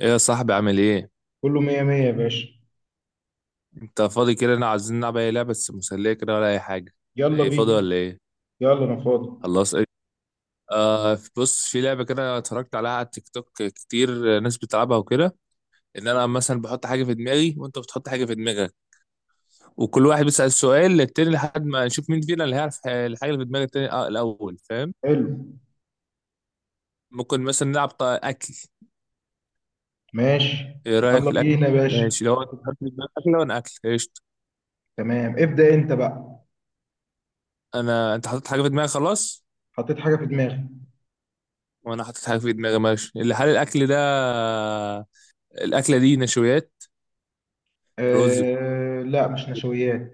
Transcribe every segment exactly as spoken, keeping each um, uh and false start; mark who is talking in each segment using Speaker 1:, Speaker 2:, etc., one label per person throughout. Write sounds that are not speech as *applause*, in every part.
Speaker 1: ايه يا صاحبي، عامل ايه؟
Speaker 2: كله مية مية يا باشا.
Speaker 1: انت فاضي كده؟ انا عايزين نلعب اي لعبه بس مسليه كده، ولا اي حاجه؟
Speaker 2: يلا
Speaker 1: ايه، فاضي
Speaker 2: بينا.
Speaker 1: ولا ايه؟
Speaker 2: يلا انا فاضي.
Speaker 1: خلاص، ايه؟ آه، بص، في لعبه كده اتفرجت عليها على التيك توك كتير، آه، ناس بتلعبها وكده. ان انا مثلا بحط حاجه في دماغي، وانت بتحط حاجه في دماغك. وكل واحد بيسال سؤال للتاني لحد ما نشوف مين فينا اللي هيعرف ح- الحاجه اللي في دماغ التاني. آه الاول، فاهم؟
Speaker 2: حلو.
Speaker 1: ممكن مثلا نلعب ط- اكل.
Speaker 2: ماشي.
Speaker 1: ايه رايك
Speaker 2: يلا
Speaker 1: في الاكل؟
Speaker 2: بينا يا باشا.
Speaker 1: ماشي. لو انت بتحط في دماغك اكل، وانا اكل قشطه.
Speaker 2: تمام، ابدأ انت بقى.
Speaker 1: انا انت حطيت حاجه في دماغك، خلاص.
Speaker 2: حطيت حاجة في دماغي.
Speaker 1: وانا حاطط حاجه في دماغي. ماشي. اللي حال الاكل ده؟ الاكله دي نشويات؟ رز؟
Speaker 2: آه، لا، مش نشويات.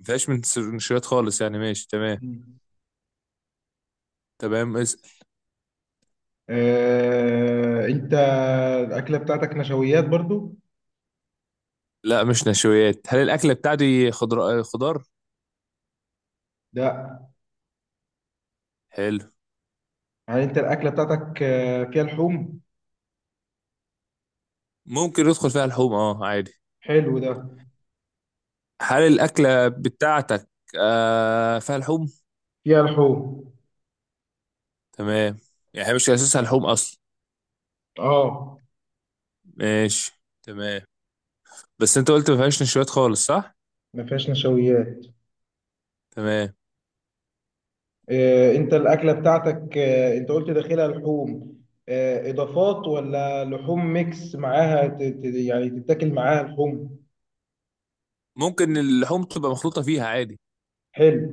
Speaker 1: مفيهاش من س- نشويات خالص، يعني. ماشي، تمام.
Speaker 2: مم.
Speaker 1: تمام، اسأل.
Speaker 2: آه انت الأكلة بتاعتك نشويات برضو؟
Speaker 1: لا، مش نشويات. هل الاكله بتاعتي خضر خضار؟
Speaker 2: لا.
Speaker 1: حلو.
Speaker 2: يعني انت الأكلة بتاعتك آه، فيها لحوم؟
Speaker 1: ممكن يدخل فيها لحوم، اه، عادي.
Speaker 2: حلو ده.
Speaker 1: هل الاكله بتاعتك آه فيها لحوم؟
Speaker 2: فيها لحوم.
Speaker 1: تمام. يعني هي مش اساسها لحوم اصلا.
Speaker 2: اه.
Speaker 1: ماشي. تمام. بس انت قلت ما فيهاش نشويات خالص، صح؟
Speaker 2: ما فيهاش نشويات.
Speaker 1: تمام.
Speaker 2: آه، انت الاكله بتاعتك، آه، انت قلت داخلها لحوم. آه، اضافات ولا لحوم ميكس معاها، ت- ت- يعني تتاكل معاها لحوم؟
Speaker 1: ممكن اللحوم تبقى مخلوطه فيها عادي.
Speaker 2: حلو.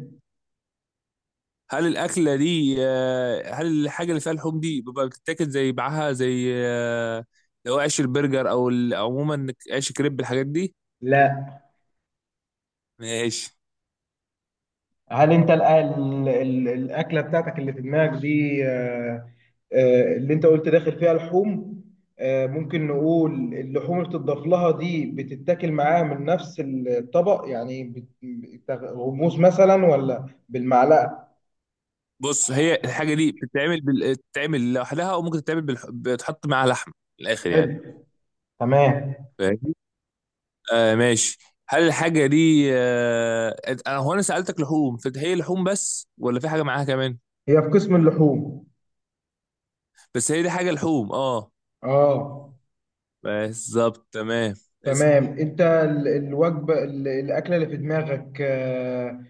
Speaker 1: هل الاكله دي آه، هل الحاجه اللي فيها لحوم دي بيبقى بتتاكل زي معاها، زي آه، لو عيش البرجر او ال- عموما، عيش كريب، الحاجات دي؟
Speaker 2: لا.
Speaker 1: ماشي.
Speaker 2: هل انت ال- ال- ال- الاكله بتاعتك اللي في دماغك دي، آه، آه، اللي انت قلت داخل فيها لحوم، آه، ممكن نقول اللحوم اللي بتضاف لها دي بتتاكل معاها من نفس الطبق؟ يعني بت- غموس مثلا ولا بالمعلقه؟
Speaker 1: بص، هي الحاجه دي بتتعمل بال... بتتعمل لوحدها، او ممكن تتعمل بالح... بتحط معاها لحمه، من الاخر يعني.
Speaker 2: حلو. تمام.
Speaker 1: فاهمني؟ آه، ماشي. هل الحاجه دي آه... أنت- انا هو انا سالتك لحوم، فهي لحوم بس ولا في حاجه معاها كمان؟
Speaker 2: هي في قسم اللحوم.
Speaker 1: بس هي دي حاجه لحوم، اه.
Speaker 2: اه.
Speaker 1: بالظبط، تمام،
Speaker 2: تمام،
Speaker 1: اسأل.
Speaker 2: انت ال- الوجبه، ال- الاكله اللي في دماغك، آه،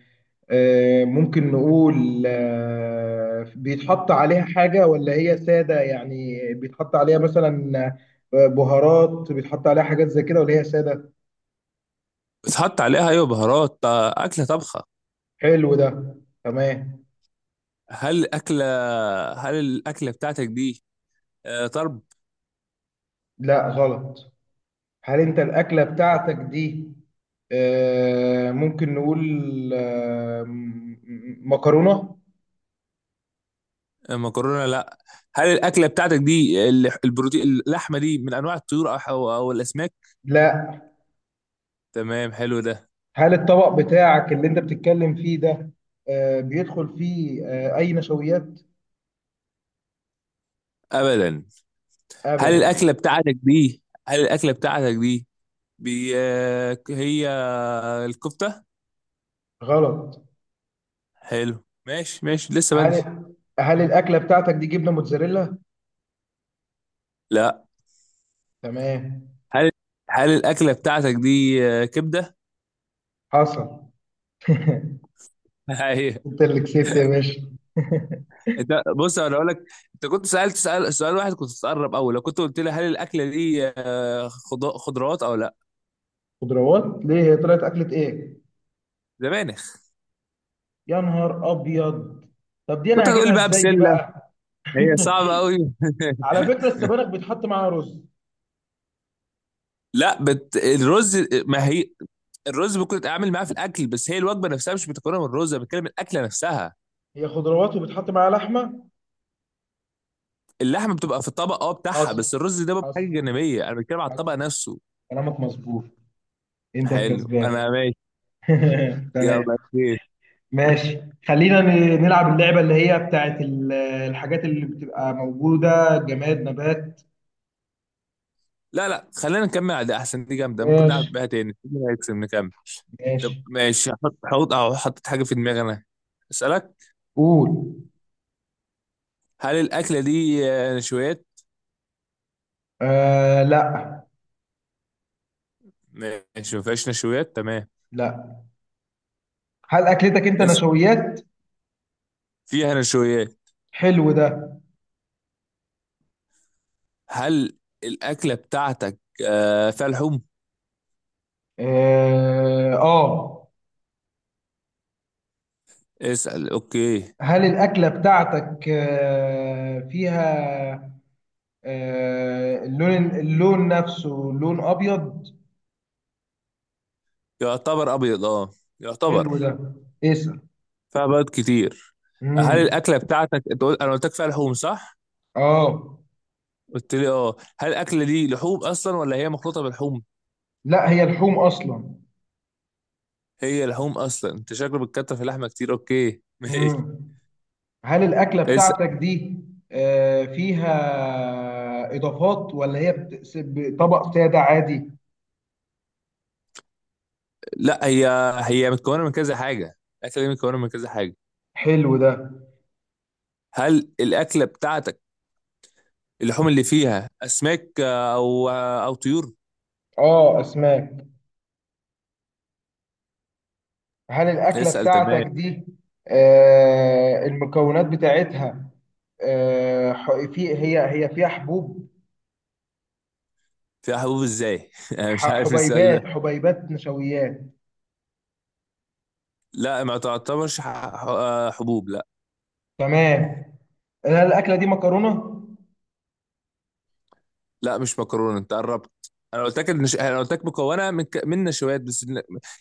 Speaker 2: آه، ممكن نقول آه، بيتحط عليها حاجه ولا هي ساده؟ يعني بيتحط عليها مثلا آه، بهارات، بيتحط عليها حاجات زي كده ولا هي ساده؟
Speaker 1: بتحط عليها، ايوه، بهارات، آه، اكله طبخه.
Speaker 2: حلو ده. تمام.
Speaker 1: هل أكلة هل الأكلة بتاعتك دي آه، طرب؟
Speaker 2: لا، غلط. هل انت الاكله بتاعتك دي، آه، ممكن نقول، آه، م- م- مكرونه؟
Speaker 1: آه، مكرونة؟ لا. هل الأكلة بتاعتك دي ال- البروتين، اللحمة دي، من أنواع الطيور أو أو أو الأسماك؟
Speaker 2: لا.
Speaker 1: تمام، حلو ده.
Speaker 2: هل الطبق بتاعك اللي انت بتتكلم فيه ده، آه، بيدخل فيه آه، اي نشويات؟
Speaker 1: أبدا. هل
Speaker 2: ابدا.
Speaker 1: الأكلة بتاعتك دي هل الأكلة بتاعتك دي بي آه، هي الكفتة؟
Speaker 2: غلط.
Speaker 1: حلو، ماشي ماشي، لسه بدري.
Speaker 2: هل هل الاكله بتاعتك دي جبنه موتزاريلا؟
Speaker 1: لا.
Speaker 2: تمام.
Speaker 1: هل هل الأكلة بتاعتك دي آه، كبدة؟
Speaker 2: حصل. *laughs*
Speaker 1: *laughs*
Speaker 2: انت اللي كسبت يا باشا. *laughs*
Speaker 1: انت، بص، انا اقول لك. انت كنت سالت سأل سؤال واحد كنت تقرب قوي لو كنت قلت لي: هل الاكله دي آه، خض- خضروات او لا؟
Speaker 2: خضروات ليه؟ هي طلعت اكله ايه؟
Speaker 1: زمانك.
Speaker 2: يا نهار ابيض. طب دي انا
Speaker 1: كنت
Speaker 2: هجيبها
Speaker 1: هتقول بقى
Speaker 2: ازاي دي
Speaker 1: بسله.
Speaker 2: بقى؟
Speaker 1: هي
Speaker 2: *laughs*
Speaker 1: صعبه قوي. *laughs*
Speaker 2: على فكره، السبانخ بيتحط معاها رز.
Speaker 1: لا، بت... الرز، ما هي الرز ممكن تتعامل معاه في الاكل، بس هي الوجبه نفسها مش متكونه من الرز، انا بتكلم الاكله نفسها.
Speaker 2: هي خضروات وبيتحط معاها لحمه.
Speaker 1: اللحمه بتبقى في الطبق، اه، بتاعها،
Speaker 2: حصل.
Speaker 1: بس الرز ده بقى حاجه
Speaker 2: حصل.
Speaker 1: جانبيه، انا بتكلم على
Speaker 2: حصل.
Speaker 1: الطبق نفسه.
Speaker 2: كلامك مظبوط. انت
Speaker 1: حلو،
Speaker 2: الكسبان.
Speaker 1: انا ماشي.
Speaker 2: *laughs*
Speaker 1: يلا،
Speaker 2: تمام.
Speaker 1: اوكي.
Speaker 2: ماشي. خلينا ن- نلعب اللعبة اللي هي بتاعت ال- الحاجات اللي بتبقى موجودة، جماد نبات.
Speaker 1: لا لا، خلينا نكمل على ده احسن، دي جامده، ممكن نلعب
Speaker 2: ماشي.
Speaker 1: بيها تاني مين هيكسب، نكمل. طب
Speaker 2: ماشي.
Speaker 1: ماشي. حط حط أو حطيت حاجة في دماغي أنا، أسألك.
Speaker 2: قول.
Speaker 1: هل الأكلة دي آه، نشويات؟
Speaker 2: آه، لا.
Speaker 1: ماشي، ما فيهاش نشويات، تمام.
Speaker 2: لا. هل أكلتك أنت
Speaker 1: اسأل.
Speaker 2: نشويات؟
Speaker 1: فيها نشويات.
Speaker 2: حلو ده.
Speaker 1: هل الأكلة بتاعتك آه، فيها لحوم؟
Speaker 2: آه, آه.
Speaker 1: اسأل، أوكي.
Speaker 2: هل الأكلة بتاعتك آه فيها، آه اللون اللون نفسه لون أبيض؟
Speaker 1: يعتبر أبيض، أه.
Speaker 2: حلو
Speaker 1: يعتبر.
Speaker 2: ده. اسأل.
Speaker 1: فيها بيض كتير. هل
Speaker 2: مم.
Speaker 1: الأكلة بتاعتك أنت قلت- أنا قلت لك فيها لحوم، صح؟
Speaker 2: آه،
Speaker 1: قلت لي أه، هل الأكلة دي لحوم أصلا ولا هي مخلوطة بلحوم؟
Speaker 2: لا، هي لحوم أصلا.
Speaker 1: هي لحوم أصلا. أنت شكله بتكتر في اللحمة كتير. أوكي *laughs* ماشي.
Speaker 2: مم. هل الأكلة
Speaker 1: اسأل.
Speaker 2: بتاعتك دي، آه، فيها إضافات ولا هي بت- ب- طبق سادة عادي؟
Speaker 1: لا، هي هي متكونه من كذا حاجه، الاكله دي متكونه من كذا حاجه.
Speaker 2: حلو ده.
Speaker 1: هل الاكله بتاعتك اللحوم اللي فيها اسماك آه، او آه، او طيور؟
Speaker 2: آه، أسماك. هل الأكلة
Speaker 1: اسال،
Speaker 2: بتاعتك
Speaker 1: تمام.
Speaker 2: دي، آه، المكونات بتاعتها، آه، ح- في هي هي فيها حبوب؟
Speaker 1: فيها حبوب ازاي؟ *laughs* انا مش
Speaker 2: ح-
Speaker 1: عارف السؤال ده.
Speaker 2: حبيبات حبيبات نشويات.
Speaker 1: لا، ما تعتبرش ح- ح- آه، حبوب، لا.
Speaker 2: تمام. هل الأكلة دي مكرونة؟
Speaker 1: لا، مش مكرونه، انت قربت. انا قلت لك إن ش- انا قلت لك مكونه من ك... من نشويات بس،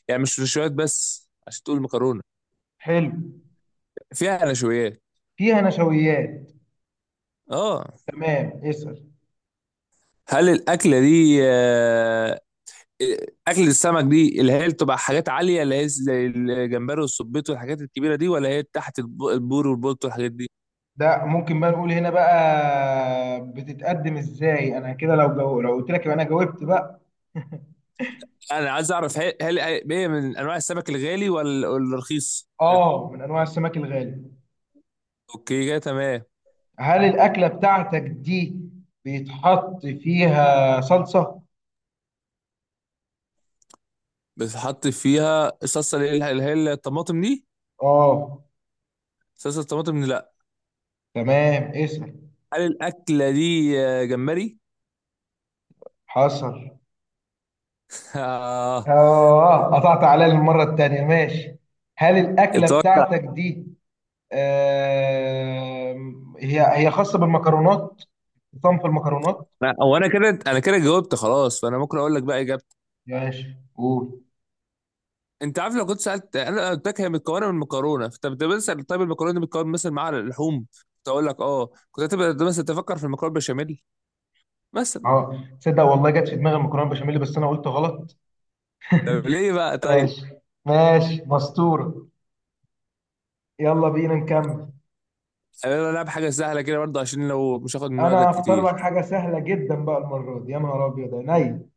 Speaker 1: يعني مش نشويات بس عشان تقول مكرونه.
Speaker 2: حلو.
Speaker 1: فيها نشويات.
Speaker 2: فيها نشويات.
Speaker 1: اه.
Speaker 2: تمام، اسأل.
Speaker 1: هل الاكله دي آه، اكل السمك دي اللي هي بتبقى حاجات عاليه، اللي هي زي الجمبري والسبيط والحاجات الكبيره دي، ولا هي تحت الب- البور والبولت والحاجات دي؟
Speaker 2: ده ممكن بقى نقول هنا بقى بتتقدم ازاي؟ انا كده لو جو... لو قلت لك يبقى انا جاوبت بقى.
Speaker 1: انا عايز اعرف، هل هل هي من انواع السمك الغالي ولا ولا الرخيص؟
Speaker 2: اه، من انواع السمك الغالي.
Speaker 1: اوكي، كده تمام.
Speaker 2: هل الاكله بتاعتك دي بيتحط فيها صلصه؟
Speaker 1: بتحط فيها الصلصه، اللي هي اللي هي الطماطم دي،
Speaker 2: اه.
Speaker 1: صلصه الطماطم دي، لا.
Speaker 2: تمام، اسال.
Speaker 1: هل الاكله دي آه، جمبري؟
Speaker 2: حصل.
Speaker 1: *laughs* آه،
Speaker 2: اه، قطعت عليا المره التانيه، ماشي. هل الاكله
Speaker 1: اتوقع.
Speaker 2: بتاعتك دي، آه... هي هي خاصه بالمكرونات، صنف المكرونات؟
Speaker 1: لا، هو انا كده انا كده جاوبت خلاص، فانا ممكن اقول لك بقى اجابه.
Speaker 2: ماشي، قول.
Speaker 1: انت عارف، لو كنت سالت انا قلت لك هي متكونه من مكرونه، فانت بتبقى بتسال طيب المكرونه دي بتكون مثلا مع اللحوم، كنت اقول لك اه، كنت هتبقى مثلا تفكر في المكرونه بشاميل مثلا.
Speaker 2: اه، تصدق والله جت في دماغي المكرونه بشاميل، بس انا قلت غلط.
Speaker 1: طب ليه بقى، طيب.
Speaker 2: ماشي. ماشي، مستوره. يلا بينا نكمل.
Speaker 1: انا العب حاجه سهله كده برضه، عشان لو مش هاخد من وقتك
Speaker 2: انا هختار
Speaker 1: كتير.
Speaker 2: لك حاجه سهله جدا بقى المره دي، يا نهار ابيض عينيا.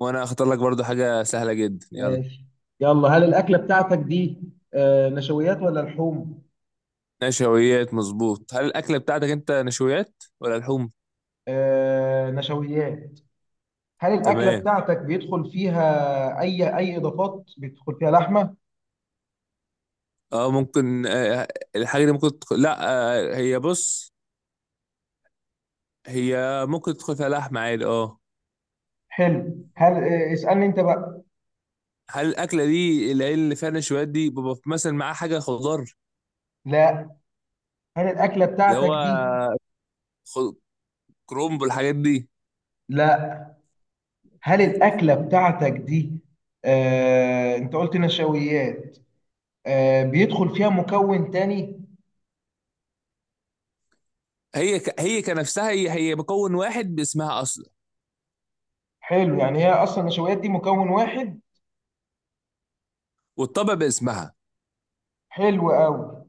Speaker 1: وانا اختار لك برضه حاجه سهله جدا، يلا.
Speaker 2: ماشي. يلا، هل الاكله بتاعتك دي آه نشويات ولا لحوم؟
Speaker 1: نشويات، مظبوط. هل الاكله بتاعتك انت نشويات ولا لحوم؟
Speaker 2: آه، نشويات. هل الاكله
Speaker 1: تمام.
Speaker 2: بتاعتك بيدخل فيها اي اي اضافات؟ بيدخل فيها لحمه؟
Speaker 1: اه، ممكن، آه آه، الحاجه دي ممكن تدخل، لا. آه هي، بص، هي ممكن تدخل فيها لحمه عادي، اه.
Speaker 2: حلو. هل آه اسالني انت بقى.
Speaker 1: هل الاكله دي العيل اللي فيها نشويات دي بيبقى مثلا معاه حاجه خضار؟
Speaker 2: لا. هل الاكله
Speaker 1: اللي
Speaker 2: بتاعتك
Speaker 1: هو
Speaker 2: دي.
Speaker 1: خ- كرومب والحاجات دي.
Speaker 2: لا. هل الأكلة بتاعتك دي، آه، أنت قلت نشويات، آه، بيدخل فيها مكون تاني؟
Speaker 1: هي ك... هي كنفسها، هي هي مكون واحد باسمها اصلا،
Speaker 2: حلو، يعني هي أصلا النشويات دي مكون واحد.
Speaker 1: والطبق باسمها.
Speaker 2: حلو أوي.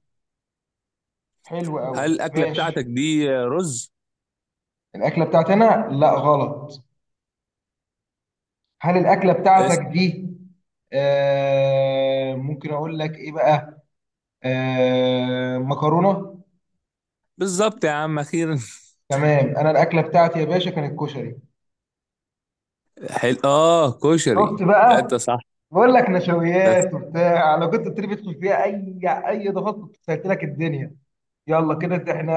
Speaker 2: حلو
Speaker 1: هل
Speaker 2: أوي،
Speaker 1: الاكله
Speaker 2: ماشي.
Speaker 1: بتاعتك دي رز؟
Speaker 2: الأكلة بتاعتنا لا، غلط. هل الأكلة بتاعتك
Speaker 1: اس-
Speaker 2: دي، آه، ممكن أقول لك إيه بقى، آه، مكرونة؟
Speaker 1: بالظبط يا عم، اخيرا.
Speaker 2: تمام، أنا الأكلة بتاعتي يا باشا كانت كشري.
Speaker 1: *laughs* حل... اه،
Speaker 2: شفت
Speaker 1: كشري، لا، انت
Speaker 2: بقى؟
Speaker 1: صح.
Speaker 2: بقول لك
Speaker 1: بس.
Speaker 2: نشويات وبتاع، لو كنت بتري بتدخل فيها اي، اي ضغط، كنت سهلت لك الدنيا. يلا كده إنت- احنا،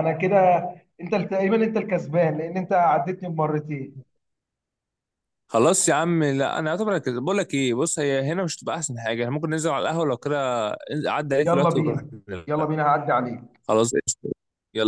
Speaker 2: انا كده، انت تقريبا انت الكسبان لان انت عدتني بمرتين.
Speaker 1: خلاص يا عم، لا، انا اعتبر كده. بقول لك ايه، بص، هي هنا مش هتبقى احسن حاجه، احنا ممكن ننزل على القهوه لو كده، عدى عليك
Speaker 2: يلا
Speaker 1: الوقت، ونروح
Speaker 2: بينا. يلا
Speaker 1: نلعب.
Speaker 2: بينا، هعدي عليك.
Speaker 1: خلاص، قشطة. يلا.